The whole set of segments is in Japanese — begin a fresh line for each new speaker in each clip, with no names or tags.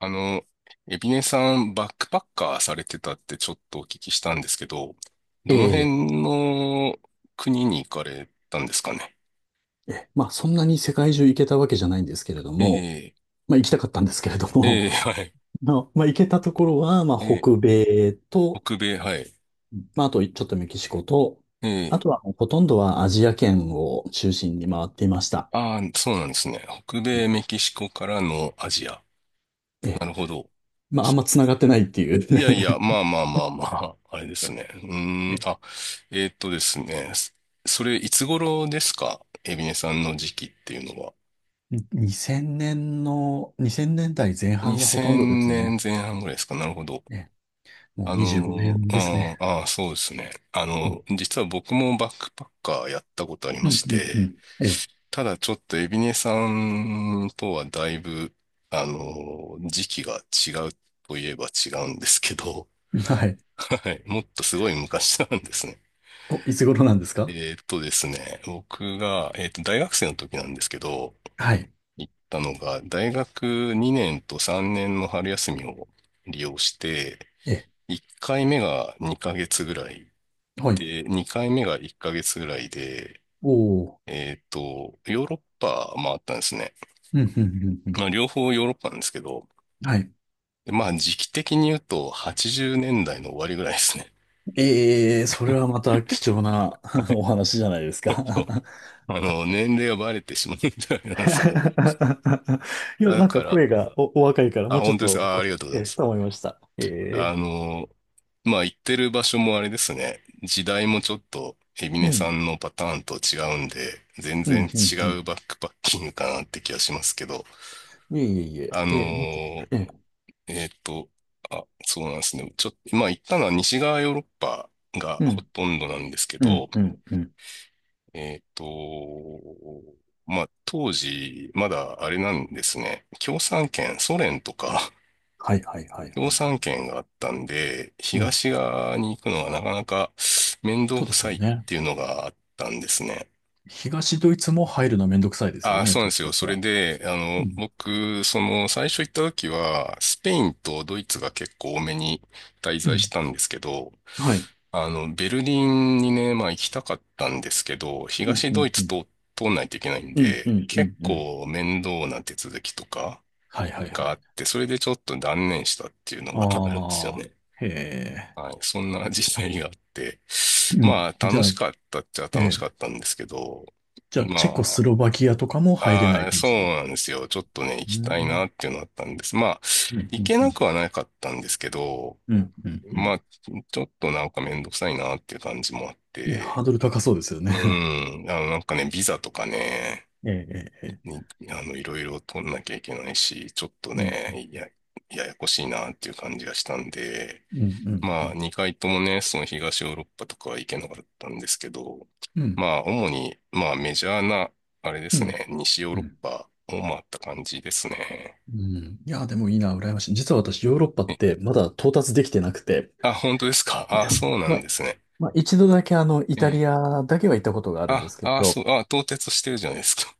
あの、エビネさん、バックパッカーされてたってちょっとお聞きしたんですけど、
え
どの
え、
辺の国に行かれたんですかね？
ええそんなに世界中行けたわけじゃないんですけれど
え
も、
え、
まあ行きたかったんですけれども、
ええ、はい。
まあ、まあ行けたところは、まあ
ええ、
北米と、
北米、はい。
まああとちょっとメキシコと、
え
あ
え、
とはもうほとんどはアジア圏を中心に回っていました。
ああ、そうなんですね。北
ね。
米、メキシコからのアジア。
ええ、
なるほど。
まああ
そ
んま
う、
繋がってないっていう。
いやいや、まあまあまあまあ、あれですね。うーん、
え
あ、
え。
ですね。それ、いつ頃ですかエビネさんの時期っていうのは？
2000年の、2000年代前半がほとんどで
2000
すね。
年前半ぐらいですか。なるほど。
ええ、もう
あ
25
の、
年ですね。
ああ、ああそうですね。あ
うん、
の、実は僕もバックパッカーやったことあり
う
ま
ん、
し
うん。う
て、
ん。え
ただちょっとエビネさんとはだいぶ、あの、時期が違うといえば違うんですけど、
え、はい。
はい。もっとすごい昔なんですね。
お、いつ頃なんですか？
僕が、大学生の時なんですけど、
はい。
行ったのが、大学2年と3年の春休みを利用して、
ええ、
1回目が2ヶ月ぐらい
はい。
で、2回目が1ヶ月ぐらいで、
おおー。
ヨーロッパ回ったんですね。
うん、うん、うんうん。
まあ、両方ヨーロッパなんですけど、
はい。
でまあ、時期的に言うと80年代の終わりぐらいですね。
ええ、それはまた貴重な お話じゃないです か。
そう。あの、年齢がバレてしまうみたいなんですけども。
いや、
だ
なん
か
か
ら、
声がお、お若いから、
あ、
もうちょっ
本当で
と
すか。あ、あ
お、
りがとうござ
え
いま
え、
す。
と思いました。え
あ
え、
の、まあ、行ってる場所もあれですね。時代もちょっと、海老
う
根さ
ん、
んのパターンと違うんで、全
うん、
然
う
違
ん、うん。
うバックパッキングかなって気がしますけど、
いえいえいえ、
あ
ええ、もっと、
のー
ええ、
えっと、あ、そうなんですね。ちょっと、まあ、行ったのは西側ヨーロッパが
う
ほ
ん、
とんどなんですけ
う
ど、
ん、うん、うん。
えっと、まあ、当時、まだあれなんですね。共産圏、ソ連とか
はいはいはいは
共
いは
産
い。
圏があったんで、
うん、
東側に行くのはなかなか面倒
そうで
く
す
さ
よ
いっ
ね。
ていうのがあったんですね。
東ドイツも入るのめんどくさいですよ
ああ、
ね、
そうなん
当
です
時だ
よ。
っ
そ
た
れ
ら。
で、あ
う
の、
ん、
僕、その、最初行った時は、スペインとドイツが結構多めに滞
う
在
ん、
したんですけど、
はい。
あの、ベルリンにね、まあ行きたかったんですけど、
うん、
東
う
ドイ
ん、う
ツ
ん。
と通んないといけないん
うん、う
で、
ん、う
結
ん、うん。
構面倒な手続きとか
はいはいは
があっ
い。
て、それでちょっと断念したっていうのがあるんですよ
あ
ね。
あ、へえ。
はい、そんな 実際があって、
うん。
まあ
じ
楽
ゃあ、
しかったっちゃ
え
楽し
え。
かったんですけど、
じゃあ、チェコス
ま
ロバキアとかも
あ、
入れな
あ
い
あ、
感
そう
じで。
なんですよ。ちょっとね、行
う
き
ん、
たい
うん、
なっていうのあったんです。まあ、
うん、う
行
ん、
け
う
な
ん、
くはなかったんですけど、
うん。う
まあ、
ん。
ちょっとなんかめんどくさいなっていう感じもあっ
ね、ハ
て、
ードル高そうですよ
う
ね。
ん、あの、なんかね、ビザとかね、
ええ、ええ、ええ。
に、あの、いろいろ取んなきゃいけないし、ちょっと
うん、
ね、や、ややこしいなっていう感じがしたんで、
うん、うん、う
まあ、
ん、
2回ともね、その東ヨーロッパとかは行けなかったんですけど、
うん、
まあ、主に、まあ、メジャーな、あれで
う
す
ん、
ね、西ヨー
う
ロッ
ん。
パを回った感じですね。
うん、いや、でもいいな、羨ましい。実は私、ヨーロッパっ
え、
てまだ到達できてなくて、
あ、本当ですか、あ、そ うな
ま
ん
あ、
ですね。
まあ、一度だけあの、イ
え
タリ
え。
アだけは行ったことがあるんで
あ、
すけ
あ、
ど、
そう、あ、到達してるじゃないですか。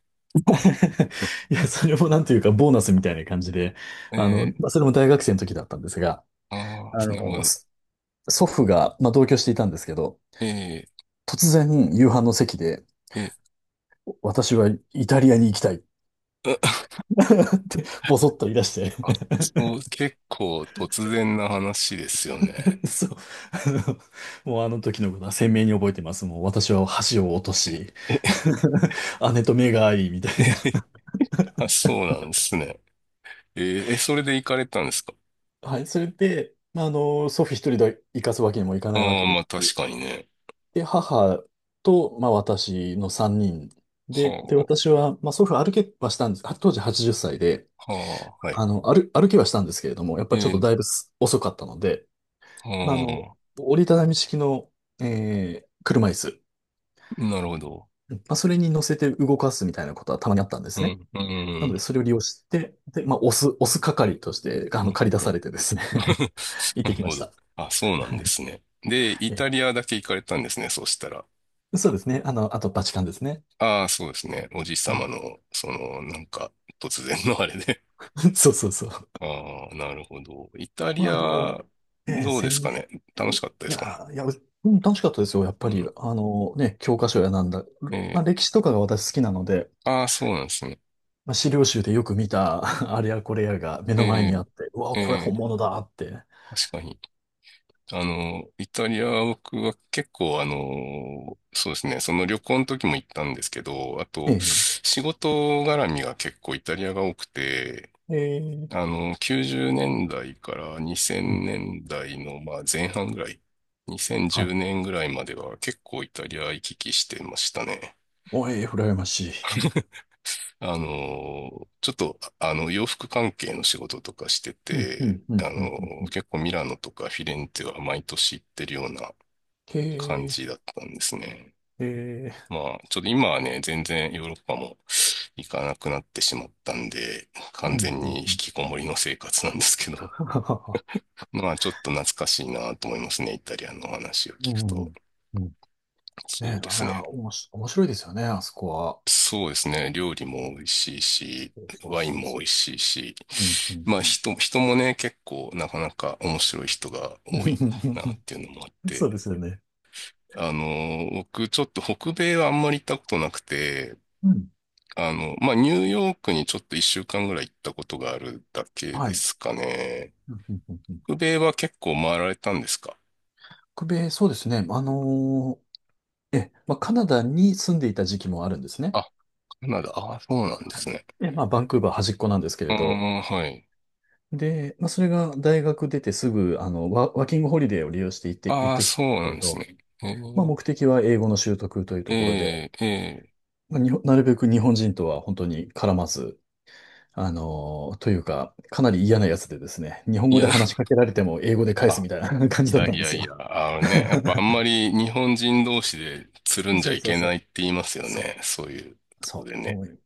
いや、それもなんていうか、ボーナスみたいな感じで、
え
あの、
え。
まあそれも大学生の時だったんですが、
あ
あ
あ、
の、
なるほど。
そ祖父が、まあ、同居していたんですけど、
ええ、
突然夕飯の席で、
え
私はイタリアに行きたい っ
え、う、
てボソッと言い出して。
あ、そう、結構突然な話ですよね。
そう、あの、もうあの時のことは鮮明に覚えてます。もう私は箸を落とし、
え、
姉と目が合い、みたいな。
え、あ、そうなんですね。ええ、え、それで行かれたんですか？
はい、それで、まあ、あの、祖父一人で行かすわけにもいかないわ
ああ、
けで
まあ
すし。
確かにね。
で、母と、まあ、私の3人で、で、
は
私は、まあ、祖父歩けはしたんです。当時80歳で、
あ、はあ、はい。
あの、歩、歩きはしたんですけれども、やっぱ
え
りちょっと
え、
だいぶす遅かったので、まあ、あの、
は
折りたたみ式の、車椅子、
あ、なるほど。
まあ、それに乗せて動かすみたいなことはたまにあったんで
う
すね。
ん、う
なので、
ん、
それを利用して、で、まあ、押す、押す係として、あ
な
の、
る
借
ほ
り出さ
ど。
れてですね。 行って
な
き
る
ま
ほ
した。
ど。あ、そうなんですね。で、イタリ
え
アだけ行かれたんですね、そうしたら。
え、そうですね。あの、あと、バチカンですね。
ああ、そうですね。おじい
う
さま
ん。
の、その、なんか、突然のあれで。
そうそうそう。
ああ、なるほど。イタリ
まあ、でも、
ア、
ええ
どうで
鮮
す
明
かね。楽
に、
し
い
かったですかね？
や、いや、うん、楽しかったですよ。やっ
う
ぱり、
ん。
あのね、教科書やなんだ。
え
まあ、
え、
歴史とかが私好きなので、
ああ、そうなんですね。
まあ、資料集でよく見た あれやこれやが目
え
の前にあ
え、
って、うわ、
え
これ本
え、
物だって。
確かに。あの、イタリアは僕は結構あの、そうですね、その旅行の時も行ったんですけど、あ
え
と、
え、
仕事絡みが結構イタリアが多くて、
ええ、
あの、90年代から
うん、
2000年代のまあ前半ぐらい、2010
はい。
年ぐらいまでは結構イタリア行き来してましたね。
おい、羨ましい。
あの、ちょっと、あの、洋服関係の仕事とかして
うん、う
て、
ん、う
あ
ん、うん、うん。う
の、
ん。
結構ミラノとかフィレンツェは毎年行ってるような感
へ
じだったんですね。
え、ええ、
まあ、ちょっと今はね、全然ヨーロッパも行かなくなってしまったんで、
う
完
ん、
全
うん、
に引
うん。
きこもりの生活なんですけど、
はははは。
まあ、ちょっと懐かしいなと思いますね。イタリアの話を
う
聞く
ん、
と。
うん。ねえ、
そうで
あ
す
れ
ね。
はおもし、面白いですよね、あそこは。
そうですね。料理も美味しい
そ
し、
うそう
ワイン
そう
も美
そ
味しいし、
う。うん、うん、
まあ
うん。
人、人もね、結構なかなか面白い人が多いなっていうのもあっ て、
そうですよね。
あの、僕ちょっと北米はあんまり行ったことなくて、
うん。
あの、まあ、ニューヨークにちょっと一週間ぐらい行ったことがあるだけ
は
で
い。
すかね。
うん、うん、うん。うん、
北米は結構回られたんですか？
北米、そうですね。あのー、ええ、まあ、カナダに住んでいた時期もあるんですね。
あ、カナダ。ああ、そうなんで
は
す
い。
ね。
で、まあ、バンクーバー端っこなんですけ
う
れ
ー
ど。
ん、はい。
で、まあ、それが大学出てすぐ、あの、ワ、ワーキングホリデーを利用して行って、行っ
ああ、
てきた
そ
んで
う
すけ
なん
れ
です
ど、
ね。え
まあ、目的は英語の習得という
ー、
ところで、
えー、えー、
まあ、日本なるべく日本人とは本当に絡まず、あの、というか、かなり嫌なやつでですね、日本
い
語で
や、
話しかけられても英語で返す
あ、
みたいな 感
い
じだっ
や
たん
い
で
や
す
い
よ。
や、あのね、やっぱあん まり日本人同士でつるんじ
そ
ゃ
う
い
そう
け
そ
ない
う。
って言いますよ
そう
ね。そういうとこ
そ
で
う。
ね。
もう、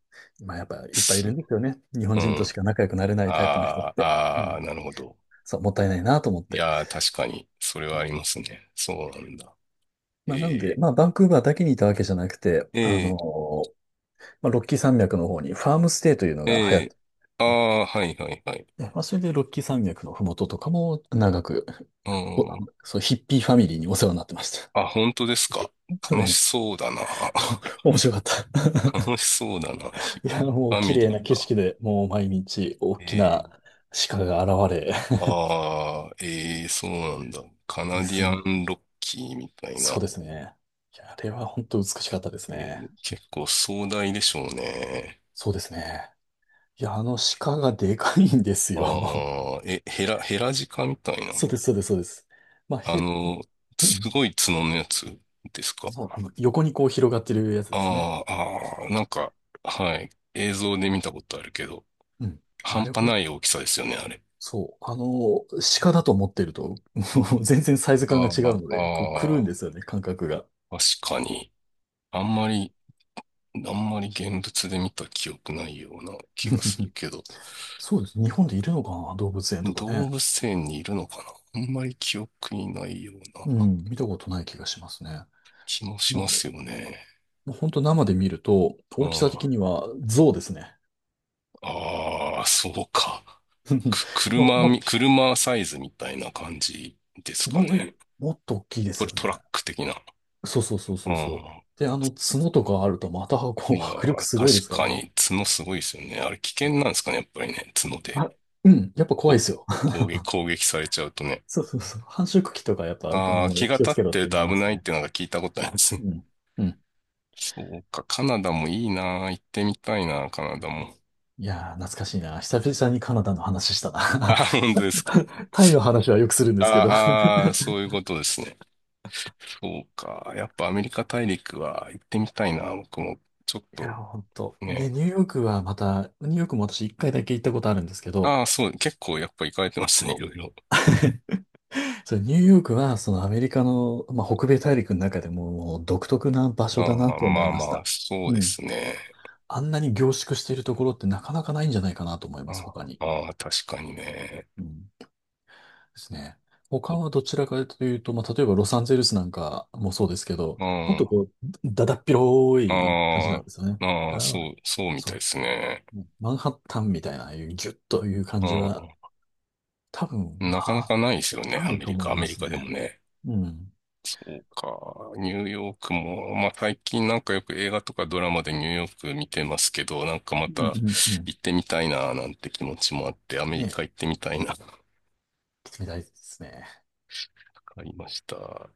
まあやっぱいっぱいい
す、
るんですよね。日本
う
人とし
ん。
か仲良くなれないタイプの人っ
ああ、
て。う
ああ、
ん。
なるほど。
そう、もったいないなと思っ
い
て。
やー、確かに、それはありますね。そうなんだ。
まあなので、
え
まあバンクーバーだけにいたわけじゃなくて、
ー、
あ
え
の、まあロッキー山脈の方にファームステイというの
ー、
が流行っ
え
て、
ー、ああー、はいはいはい。
でまあそれでロッキー山脈のふもととかも長く、
う
お、あ
ん。
のそう、ヒッピーファミリーにお世話になってました。
あ、本当ですか。
そ
楽し
れ、
そうだな。
お 面白かった。
楽しそうだな。ひ、
いや、も
フ
う
ァ
綺
ミ
麗
リ
な
ー
景
が。
色で、もう毎日大き
え
な
ー、
鹿が現れ、
ああ、えー、そうなんだ。カ
で
ナデ
す
ィア
ね。
ンロッキーみたいな。
そうですね。いや、あれは本当美しかったです
え
ね。
ー、結構壮大でしょうね。
そうですね。いや、あの鹿がでかいんですよ。
ああ、え、ヘラ、ヘラジカみたいな。
そうです、そうです、そうです。まあ、
あ
へ、
の、
う
す
ん、
ごい角のやつですか。
そう、あの、横にこう広がってるやつですね。
ああ、ああ、なんか、はい。映像で見たことあるけど、
うん。あ
半
れ
端
ほん、
ない大きさですよね、あれ。
そう、あの、鹿だと思ってると、もう全然サイズ感が
あ
違うの
あ、
で、こう狂うんで
あ
すよね、感覚が。
あ、確かに。あんまり、あんまり現物で見た記憶ないような気がする けど、
そうです。日本でいるのかな、動物園とかね。
動物園にいるのかな、あんまり記憶にないよう
う
な
ん、見たことない気がしますね。
気もしま
もう、
すよね。
もう本当生で見ると、
うん。
大きさ的
あ
には象ですね。
あ、そうか。く、
まあ、
車
も、
み、車サイズみたいな感じですかね。
も、もっと大きいで
ト、
すよね。
トラック的な。
そうそうそう
う
そうそ
ん。
う。で、あの、角とかあるとまた、こう、
いや
迫力
ー、
すごいで
確
すから
か
ね。
に角すごいですよね。あれ危険なんですかね、やっぱりね、角で。
あ、うん、やっぱ怖い
こ
で
う、
すよ。
攻撃、攻撃されちゃうとね。
そうそうそう。繁殖期とかやっぱ、あ
ああ、気
の、
が
気を
立っ
つけろっ
てる
て言い
と危
ます
ないっ
ね。
てなんか聞いたことありますね。
うん。うん。
そうか、カナダもいいなー、行ってみたいなー、カナダも。
いやー、懐かしいな。久々にカナダの話した
いあ
な。
ー、本当ですか。
タイの話はよくするんですけど。い
あー、あ、そういうことですね。そうか、やっぱアメリカ大陸は行ってみたいな、僕も。ちょっ
や
と
ー、ほんと。ね、
ね。
ニューヨークはまた、ニューヨークも私一回だけ行ったことあるんですけど、
ああ、そう、結構やっぱ行かれてますね、いろいろ。
それニューヨークは、そのアメリカの、まあ、北米大陸の中でも、もう独特な場所
あ
だな
あ、
と思
ま
い
あ
ま
ま
し
あ、
た。
そう
う
で
ん。
すね。
あんなに凝縮しているところってなかなかないんじゃないかなと思いま
あ
す、他に。
あー、確かにね。
うん。ですね。他
う
はどちらかというと、まあ、例えばロサンゼルスなんかもそうですけど、
ん。
もっと
あ
こう、だだっ広い感じなん
あ、
ですよね。
ああ、
あ、
そう、そうみた
そ
いで
う。
すね。
うん、マンハッタンみたいな、ああいうギュッという感じは、
う
多分、
ん。なかな
あ、
かないですよね、
な
ア
い
メ
と
リ
思
カ。
い
アメ
ま
リ
す
カ
ね。
でもね。
うん。
そうか。ニューヨークも、まあ最近なんかよく映画とかドラマでニューヨーク見てますけど、なんかま
うんう
た
んうん。
行ってみたいな、なんて気持ちもあって、アメリ
ね、
カ行ってみたいな、わ
来てみたいですね。
かりました。